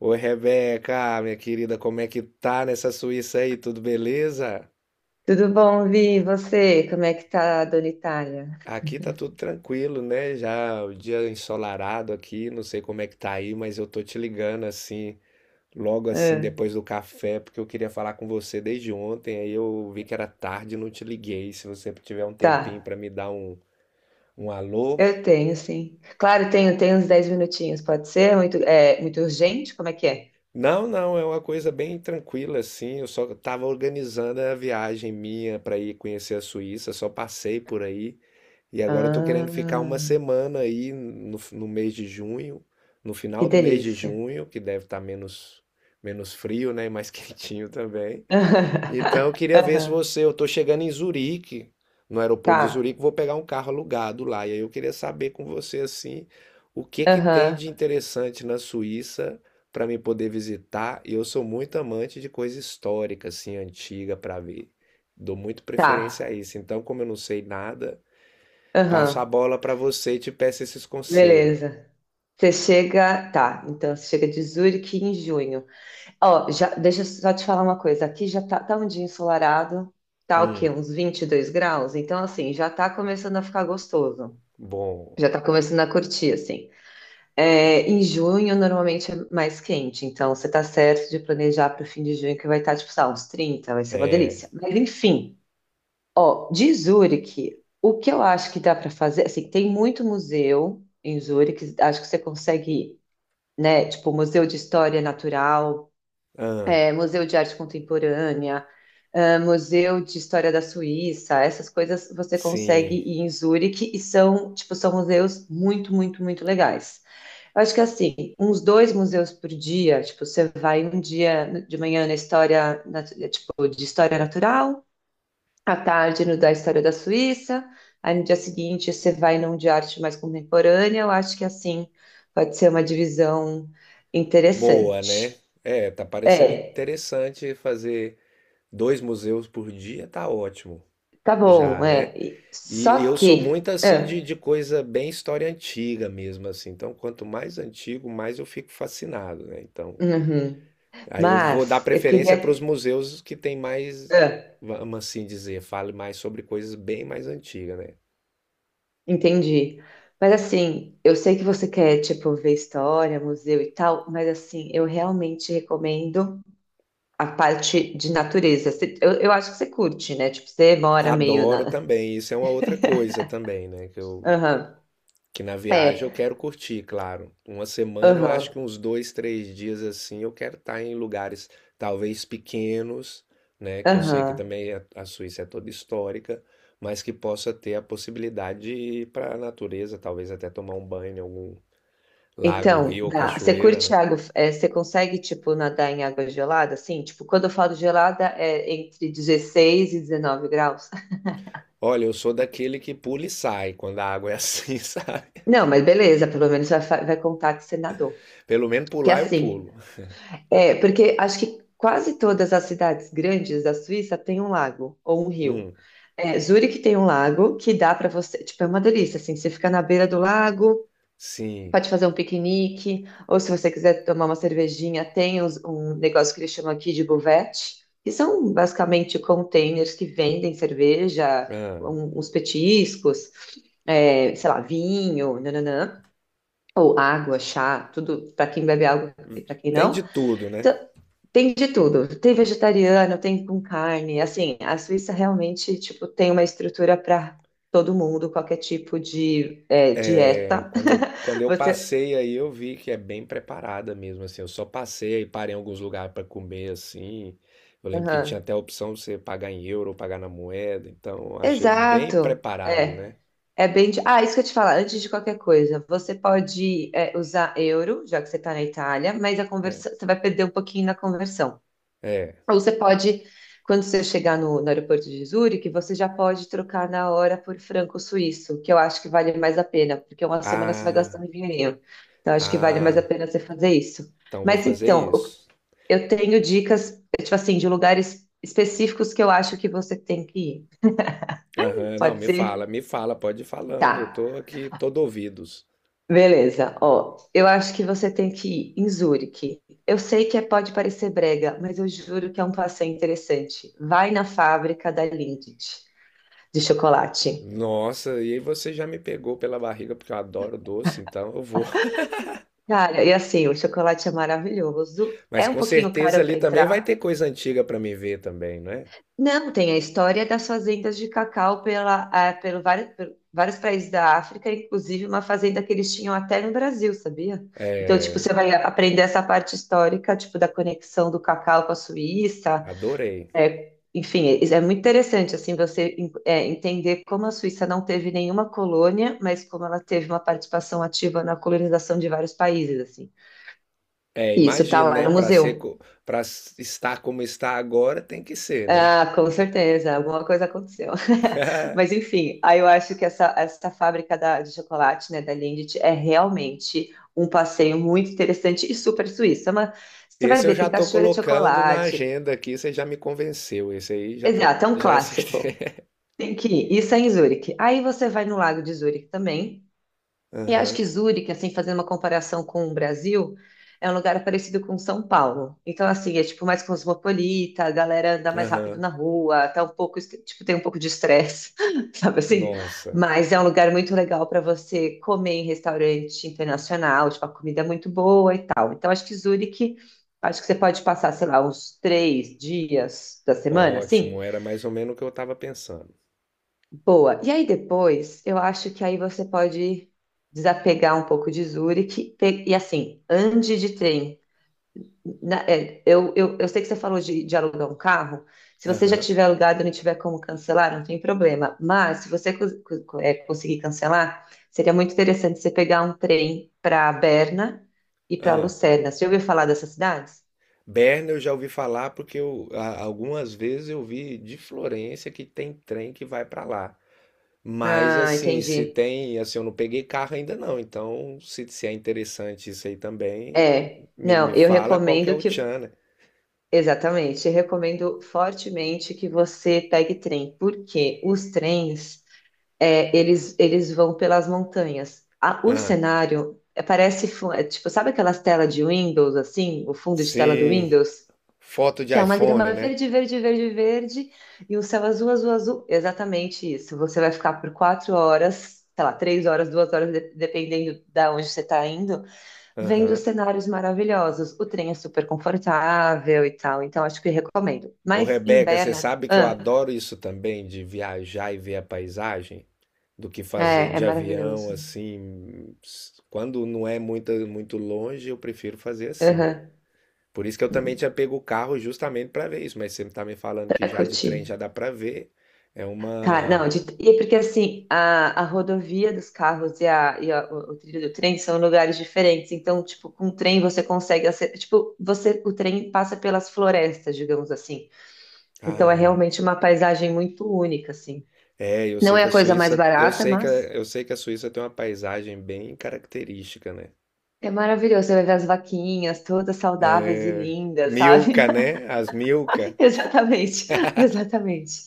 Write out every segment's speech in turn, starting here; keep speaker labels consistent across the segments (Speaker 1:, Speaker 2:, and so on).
Speaker 1: Oi, Rebeca, minha querida, como é que tá nessa Suíça aí? Tudo beleza?
Speaker 2: Tudo bom, Vi? E você? Como é que tá, Dona Itália?
Speaker 1: Aqui tá tudo tranquilo, né? Já o dia ensolarado aqui, não sei como é que tá aí, mas eu tô te ligando assim, logo assim
Speaker 2: Ah,
Speaker 1: depois do café, porque eu queria falar com você desde ontem, aí eu vi que era tarde e não te liguei. Se você tiver um tempinho
Speaker 2: tá,
Speaker 1: pra me dar um, um alô.
Speaker 2: eu tenho, sim. Claro, tenho uns 10 minutinhos, pode ser? Muito urgente? Como é que é?
Speaker 1: Não, não, é uma coisa bem tranquila assim. Eu só tava organizando a viagem minha pra ir conhecer a Suíça, só passei por aí. E agora eu tô querendo ficar
Speaker 2: Ah,
Speaker 1: uma semana aí no mês de junho, no
Speaker 2: que
Speaker 1: final do mês de
Speaker 2: delícia.
Speaker 1: junho, que deve estar menos frio, né, e mais quentinho também. Então eu queria ver se
Speaker 2: Aham.
Speaker 1: você, eu tô chegando em Zurique, no aeroporto de
Speaker 2: Tá,
Speaker 1: Zurique, vou pegar um carro alugado lá. E aí eu queria saber com você assim, o que que tem
Speaker 2: aham,
Speaker 1: de interessante na Suíça para me poder visitar? E eu sou muito amante de coisa histórica assim, antiga para ver. Dou muito
Speaker 2: tá,
Speaker 1: preferência a isso. Então, como eu não sei nada,
Speaker 2: aham,
Speaker 1: passo a bola para você e te peço esses conselhos.
Speaker 2: beleza. Tá, então você chega de Zurique em junho. Ó, já, deixa eu só te falar uma coisa. Aqui já tá um dia ensolarado, tá o quê?
Speaker 1: Hum,
Speaker 2: Uns 22 graus? Então, assim, já tá começando a ficar gostoso.
Speaker 1: bom.
Speaker 2: Já tá começando a curtir, assim. É, em junho, normalmente é mais quente, então você tá certo de planejar para o fim de junho, que vai estar, tipo, sei lá, uns 30, vai ser uma
Speaker 1: É,
Speaker 2: delícia. Mas, enfim, ó, de Zurique, o que eu acho que dá para fazer, assim, tem muito museu em Zurique, acho que você consegue, né? Tipo, Museu de História Natural,
Speaker 1: ah,
Speaker 2: é, Museu de Arte Contemporânea, ah, Museu de História da Suíça, essas coisas você consegue
Speaker 1: sim.
Speaker 2: ir em Zurique e são, tipo, são museus muito, muito, muito legais. Eu acho que assim, uns dois museus por dia, tipo, você vai um dia de manhã na história, tipo, de história natural, à tarde no da história da Suíça, aí no dia seguinte você vai num de arte mais contemporânea, eu acho que assim pode ser uma divisão
Speaker 1: Boa, né?
Speaker 2: interessante.
Speaker 1: É, tá parecendo
Speaker 2: É,
Speaker 1: interessante fazer dois museus por dia, tá ótimo
Speaker 2: tá
Speaker 1: já,
Speaker 2: bom, é.
Speaker 1: né? E
Speaker 2: Só
Speaker 1: eu sou
Speaker 2: que.
Speaker 1: muito assim
Speaker 2: Ah,
Speaker 1: de coisa bem história antiga mesmo, assim. Então, quanto mais antigo, mais eu fico fascinado, né? Então,
Speaker 2: uhum.
Speaker 1: aí eu vou dar
Speaker 2: Mas eu
Speaker 1: preferência para
Speaker 2: queria.
Speaker 1: os museus que tem mais,
Speaker 2: Ah,
Speaker 1: vamos assim dizer, fale mais sobre coisas bem mais antigas, né?
Speaker 2: entendi. Mas assim, eu sei que você quer, tipo, ver história, museu e tal, mas assim, eu realmente recomendo a parte de natureza. Eu acho que você curte, né? Tipo, você mora meio
Speaker 1: Adoro
Speaker 2: na.
Speaker 1: também, isso é uma outra coisa também, né? Que eu,
Speaker 2: Aham.
Speaker 1: que na viagem eu
Speaker 2: É.
Speaker 1: quero curtir, claro. Uma semana eu acho
Speaker 2: Aham.
Speaker 1: que uns dois, três dias assim eu quero estar em lugares talvez pequenos, né? Que eu sei que
Speaker 2: Aham.
Speaker 1: também a Suíça é toda histórica, mas que possa ter a possibilidade de ir para a natureza, talvez até tomar um banho em algum lago,
Speaker 2: Então,
Speaker 1: rio ou
Speaker 2: dá. Você
Speaker 1: cachoeira,
Speaker 2: curte
Speaker 1: né?
Speaker 2: água, você consegue, tipo, nadar em água gelada? Assim, tipo, quando eu falo gelada, é entre 16 e 19 graus.
Speaker 1: Olha, eu sou daquele que pula e sai quando a água é assim, sabe?
Speaker 2: Não, mas beleza, pelo menos vai contar que você nadou.
Speaker 1: Pelo menos
Speaker 2: Que é
Speaker 1: pular eu
Speaker 2: assim,
Speaker 1: pulo.
Speaker 2: porque acho que quase todas as cidades grandes da Suíça têm um lago ou um rio.
Speaker 1: Hum,
Speaker 2: É, Zurique tem um lago que dá para você, tipo, é uma delícia, assim, você fica na beira do lago,
Speaker 1: sim.
Speaker 2: pode fazer um piquenique, ou se você quiser tomar uma cervejinha, tem um negócio que eles chamam aqui de buvette, que são basicamente containers que vendem cerveja,
Speaker 1: Ah.
Speaker 2: uns petiscos, sei lá, vinho, nananã. Ou água, chá, tudo para quem bebe água e para quem
Speaker 1: Tem de
Speaker 2: não.
Speaker 1: tudo, né?
Speaker 2: Então, tem de tudo. Tem vegetariano, tem com carne. Assim, a Suíça realmente tipo tem uma estrutura para todo mundo, qualquer tipo de
Speaker 1: É,
Speaker 2: dieta.
Speaker 1: quando eu
Speaker 2: Você.
Speaker 1: passei aí, eu vi que é bem preparada mesmo, assim. Eu só passei e parei em alguns lugares para comer, assim. Eu lembro que tinha
Speaker 2: Aham.
Speaker 1: até a opção de você pagar em euro ou pagar na moeda. Então, eu achei bem
Speaker 2: Exato.
Speaker 1: preparado,
Speaker 2: É.
Speaker 1: né?
Speaker 2: É bem. Ah, isso que eu te falar, antes de qualquer coisa, você pode usar euro, já que você está na Itália, mas a conversa, você vai perder um pouquinho na conversão.
Speaker 1: É.
Speaker 2: Ou você pode, quando você chegar no aeroporto de Zurique, você já pode trocar na hora por franco suíço, que eu acho que vale mais a pena, porque uma semana você vai gastar
Speaker 1: Ah,
Speaker 2: um dinheirinho. Então, acho que vale mais a
Speaker 1: ah,
Speaker 2: pena você fazer isso.
Speaker 1: então vou
Speaker 2: Mas
Speaker 1: fazer
Speaker 2: então,
Speaker 1: isso.
Speaker 2: eu tenho dicas, tipo assim, de lugares específicos que eu acho que você tem que ir.
Speaker 1: Aham, não,
Speaker 2: Pode ser?
Speaker 1: me fala, pode ir
Speaker 2: Tá.
Speaker 1: falando. Eu tô aqui todo ouvidos.
Speaker 2: Beleza. Ó, eu acho que você tem que ir em Zurique. Eu sei que pode parecer brega, mas eu juro que é um passeio interessante. Vai na fábrica da Lindt, de chocolate.
Speaker 1: Nossa, e aí você já me pegou pela barriga, porque eu adoro doce, então eu vou.
Speaker 2: Cara, e assim, o chocolate é maravilhoso. É
Speaker 1: Mas
Speaker 2: um
Speaker 1: com
Speaker 2: pouquinho
Speaker 1: certeza
Speaker 2: caro
Speaker 1: ali
Speaker 2: para
Speaker 1: também vai ter
Speaker 2: entrar.
Speaker 1: coisa antiga para me ver também, né?
Speaker 2: Não, tem a história das fazendas de cacau pela, ah, por vários países da África, inclusive uma fazenda que eles tinham até no Brasil, sabia? Então, tipo,
Speaker 1: É,
Speaker 2: você vai aprender essa parte histórica, tipo, da conexão do cacau com a Suíça.
Speaker 1: adorei.
Speaker 2: É, enfim, é muito interessante, assim, você entender como a Suíça não teve nenhuma colônia, mas como ela teve uma participação ativa na colonização de vários países, assim.
Speaker 1: É,
Speaker 2: Isso, tá
Speaker 1: imagino,
Speaker 2: lá
Speaker 1: né?
Speaker 2: no
Speaker 1: Para ser,
Speaker 2: museu.
Speaker 1: para estar como está agora, tem que ser, né?
Speaker 2: Ah, com certeza, alguma coisa aconteceu. Mas enfim, aí eu acho que essa fábrica de chocolate, né, da Lindt, é realmente um passeio muito interessante e super suíço. É você vai
Speaker 1: Esse eu
Speaker 2: ver,
Speaker 1: já
Speaker 2: tem
Speaker 1: tô
Speaker 2: cachoeira de
Speaker 1: colocando na
Speaker 2: chocolate.
Speaker 1: agenda aqui, você já me convenceu. Esse aí já pode,
Speaker 2: Exato, é um
Speaker 1: já é certeza.
Speaker 2: clássico. Tem que ir. Isso é em Zurique. Aí você vai no Lago de Zurique também. E acho
Speaker 1: Aham,
Speaker 2: que Zurique, assim, fazendo uma comparação com o Brasil, é um lugar parecido com São Paulo. Então, assim, é tipo mais cosmopolita, a galera anda mais rápido
Speaker 1: aham.
Speaker 2: na rua, tá um pouco, tipo, tem um pouco de estresse, sabe assim?
Speaker 1: Nossa,
Speaker 2: Mas é um lugar muito legal para você comer em restaurante internacional, tipo, a comida é muito boa e tal. Então, acho que Zurique, acho que você pode passar, sei lá, uns 3 dias da semana, assim.
Speaker 1: ótimo. Era mais ou menos o que eu estava pensando.
Speaker 2: Boa. E aí depois, eu acho que aí você pode desapegar um pouco de Zurich e assim, ande de trem. Eu sei que você falou de alugar um carro. Se você já
Speaker 1: Aham,
Speaker 2: tiver alugado e não tiver como cancelar, não tem problema. Mas se você conseguir cancelar, seria muito interessante você pegar um trem para Berna e para
Speaker 1: aham.
Speaker 2: Lucerna. Você já ouviu falar dessas cidades?
Speaker 1: Berna eu já ouvi falar porque eu, a- algumas vezes eu vi de Florença que tem trem que vai para lá. Mas
Speaker 2: Ah,
Speaker 1: assim, se
Speaker 2: entendi.
Speaker 1: tem, assim, eu não peguei carro ainda não, então se é interessante isso aí também,
Speaker 2: É.
Speaker 1: me,
Speaker 2: Não,
Speaker 1: me
Speaker 2: eu
Speaker 1: fala qual que é
Speaker 2: recomendo
Speaker 1: o
Speaker 2: que.
Speaker 1: tchan, né?
Speaker 2: Exatamente. Recomendo fortemente que você pegue trem, porque os trens, eles vão pelas montanhas. O
Speaker 1: Ah,
Speaker 2: cenário parece, tipo, sabe aquelas telas de Windows, assim, o fundo de tela do
Speaker 1: sim,
Speaker 2: Windows?
Speaker 1: foto de
Speaker 2: Que é uma
Speaker 1: iPhone,
Speaker 2: grama
Speaker 1: né?
Speaker 2: verde, verde, verde, verde, e um céu azul, azul, azul. Exatamente isso. Você vai ficar por 4 horas, sei lá, 3 horas, 2 horas, dependendo da onde você está indo. Vendo
Speaker 1: Aham.
Speaker 2: cenários maravilhosos. O trem é super confortável e tal, então acho que recomendo.
Speaker 1: Ô
Speaker 2: Mas em
Speaker 1: Rebeca, você
Speaker 2: Berna,
Speaker 1: sabe que eu
Speaker 2: ah,
Speaker 1: adoro isso também, de viajar e ver a paisagem, do que fazer
Speaker 2: é
Speaker 1: de avião,
Speaker 2: maravilhoso.
Speaker 1: assim, s- quando não é muito, muito longe, eu prefiro fazer assim.
Speaker 2: Aham,
Speaker 1: Por isso que eu também tinha pego o carro justamente para ver isso, mas você tá me falando que
Speaker 2: pra
Speaker 1: já de trem
Speaker 2: curtir.
Speaker 1: já dá para ver. É
Speaker 2: Tá, não,
Speaker 1: uma
Speaker 2: e porque assim, a rodovia dos carros e o trilho do trem são lugares diferentes. Então, tipo, com o trem você consegue, tipo, você, o trem passa pelas florestas, digamos assim. Então é
Speaker 1: Ah,
Speaker 2: realmente uma paisagem muito única, assim.
Speaker 1: é, eu
Speaker 2: Não
Speaker 1: sei
Speaker 2: é
Speaker 1: que a
Speaker 2: a coisa mais
Speaker 1: Suíça, eu
Speaker 2: barata,
Speaker 1: sei que a,
Speaker 2: mas
Speaker 1: eu sei que a Suíça tem uma paisagem bem característica, né?
Speaker 2: é maravilhoso, você vai ver as vaquinhas todas saudáveis e lindas, sabe?
Speaker 1: Milka, né? As Milka.
Speaker 2: Exatamente, exatamente.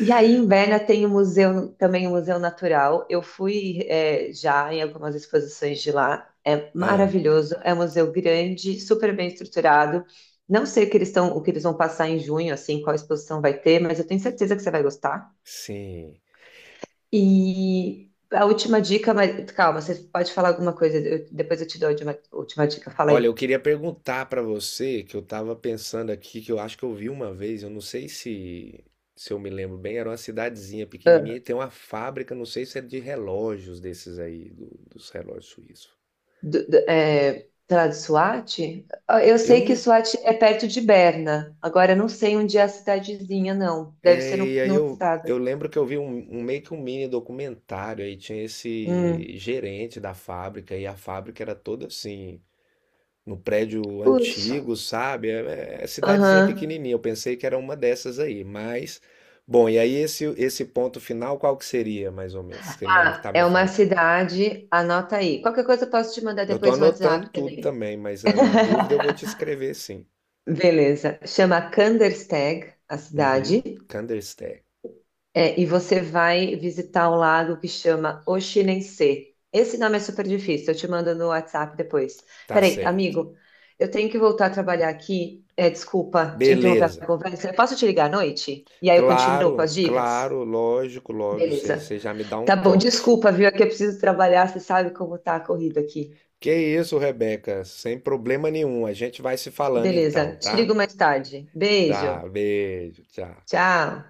Speaker 2: E aí em Berna tem o museu, também o Museu Natural. Eu fui, já em algumas exposições de lá. É
Speaker 1: Ah,
Speaker 2: maravilhoso, é um museu grande, super bem estruturado. Não sei o que eles estão, o que eles vão passar em junho, assim, qual exposição vai ter, mas eu tenho certeza que você vai gostar.
Speaker 1: sim.
Speaker 2: E a última dica, mas calma, você pode falar alguma coisa, depois eu te dou a última, última dica, fala
Speaker 1: Olha,
Speaker 2: aí.
Speaker 1: eu queria perguntar pra você, que eu estava pensando aqui, que eu acho que eu vi uma vez, eu não sei se, se eu me lembro bem, era uma cidadezinha pequenininha e tem uma fábrica, não sei se é de relógios desses aí, do- dos relógios suíços.
Speaker 2: Sei lá, de Suate? Ah, eu
Speaker 1: Eu
Speaker 2: sei que
Speaker 1: não.
Speaker 2: Suate é perto de Berna. Agora, eu não sei onde é a cidadezinha, não. Deve ser
Speaker 1: É,
Speaker 2: no,
Speaker 1: e aí
Speaker 2: no estado.
Speaker 1: eu lembro que eu vi um, um meio que um mini documentário aí, tinha
Speaker 2: Hum.
Speaker 1: esse gerente da fábrica e a fábrica era toda assim. No prédio
Speaker 2: Putz.
Speaker 1: antigo, sabe? É, é é cidadezinha
Speaker 2: Aham.
Speaker 1: pequenininha. Eu pensei que era uma dessas aí, mas bom. E aí esse ponto final, qual que seria, mais ou menos, que me
Speaker 2: Ah,
Speaker 1: tá
Speaker 2: é
Speaker 1: me
Speaker 2: uma
Speaker 1: falando?
Speaker 2: cidade. Anota aí. Qualquer coisa eu posso te mandar
Speaker 1: Eu tô
Speaker 2: depois no
Speaker 1: anotando
Speaker 2: WhatsApp
Speaker 1: tudo
Speaker 2: também.
Speaker 1: também, mas ah, na dúvida eu vou te escrever sim.
Speaker 2: Beleza. Chama Kandersteg, a
Speaker 1: Uhum.
Speaker 2: cidade.
Speaker 1: Kandersteg,
Speaker 2: É, e você vai visitar um lago que chama Oxinense. Esse nome é super difícil, eu te mando no WhatsApp depois.
Speaker 1: tá
Speaker 2: Peraí,
Speaker 1: certo.
Speaker 2: amigo, eu tenho que voltar a trabalhar aqui. É, desculpa te interromper
Speaker 1: Beleza.
Speaker 2: a conversa. Eu posso te ligar à noite? E aí eu continuo com
Speaker 1: Claro,
Speaker 2: as dicas?
Speaker 1: claro, lógico, lógico. Você
Speaker 2: Beleza.
Speaker 1: você já me dá um
Speaker 2: Tá bom,
Speaker 1: toque.
Speaker 2: desculpa, viu? É que eu preciso trabalhar, você sabe como tá a corrida aqui.
Speaker 1: Que isso, Rebeca? Sem problema nenhum. A gente vai se falando
Speaker 2: Beleza,
Speaker 1: então,
Speaker 2: te
Speaker 1: tá?
Speaker 2: ligo mais tarde. Beijo,
Speaker 1: Tá, beijo, tchau.
Speaker 2: tchau.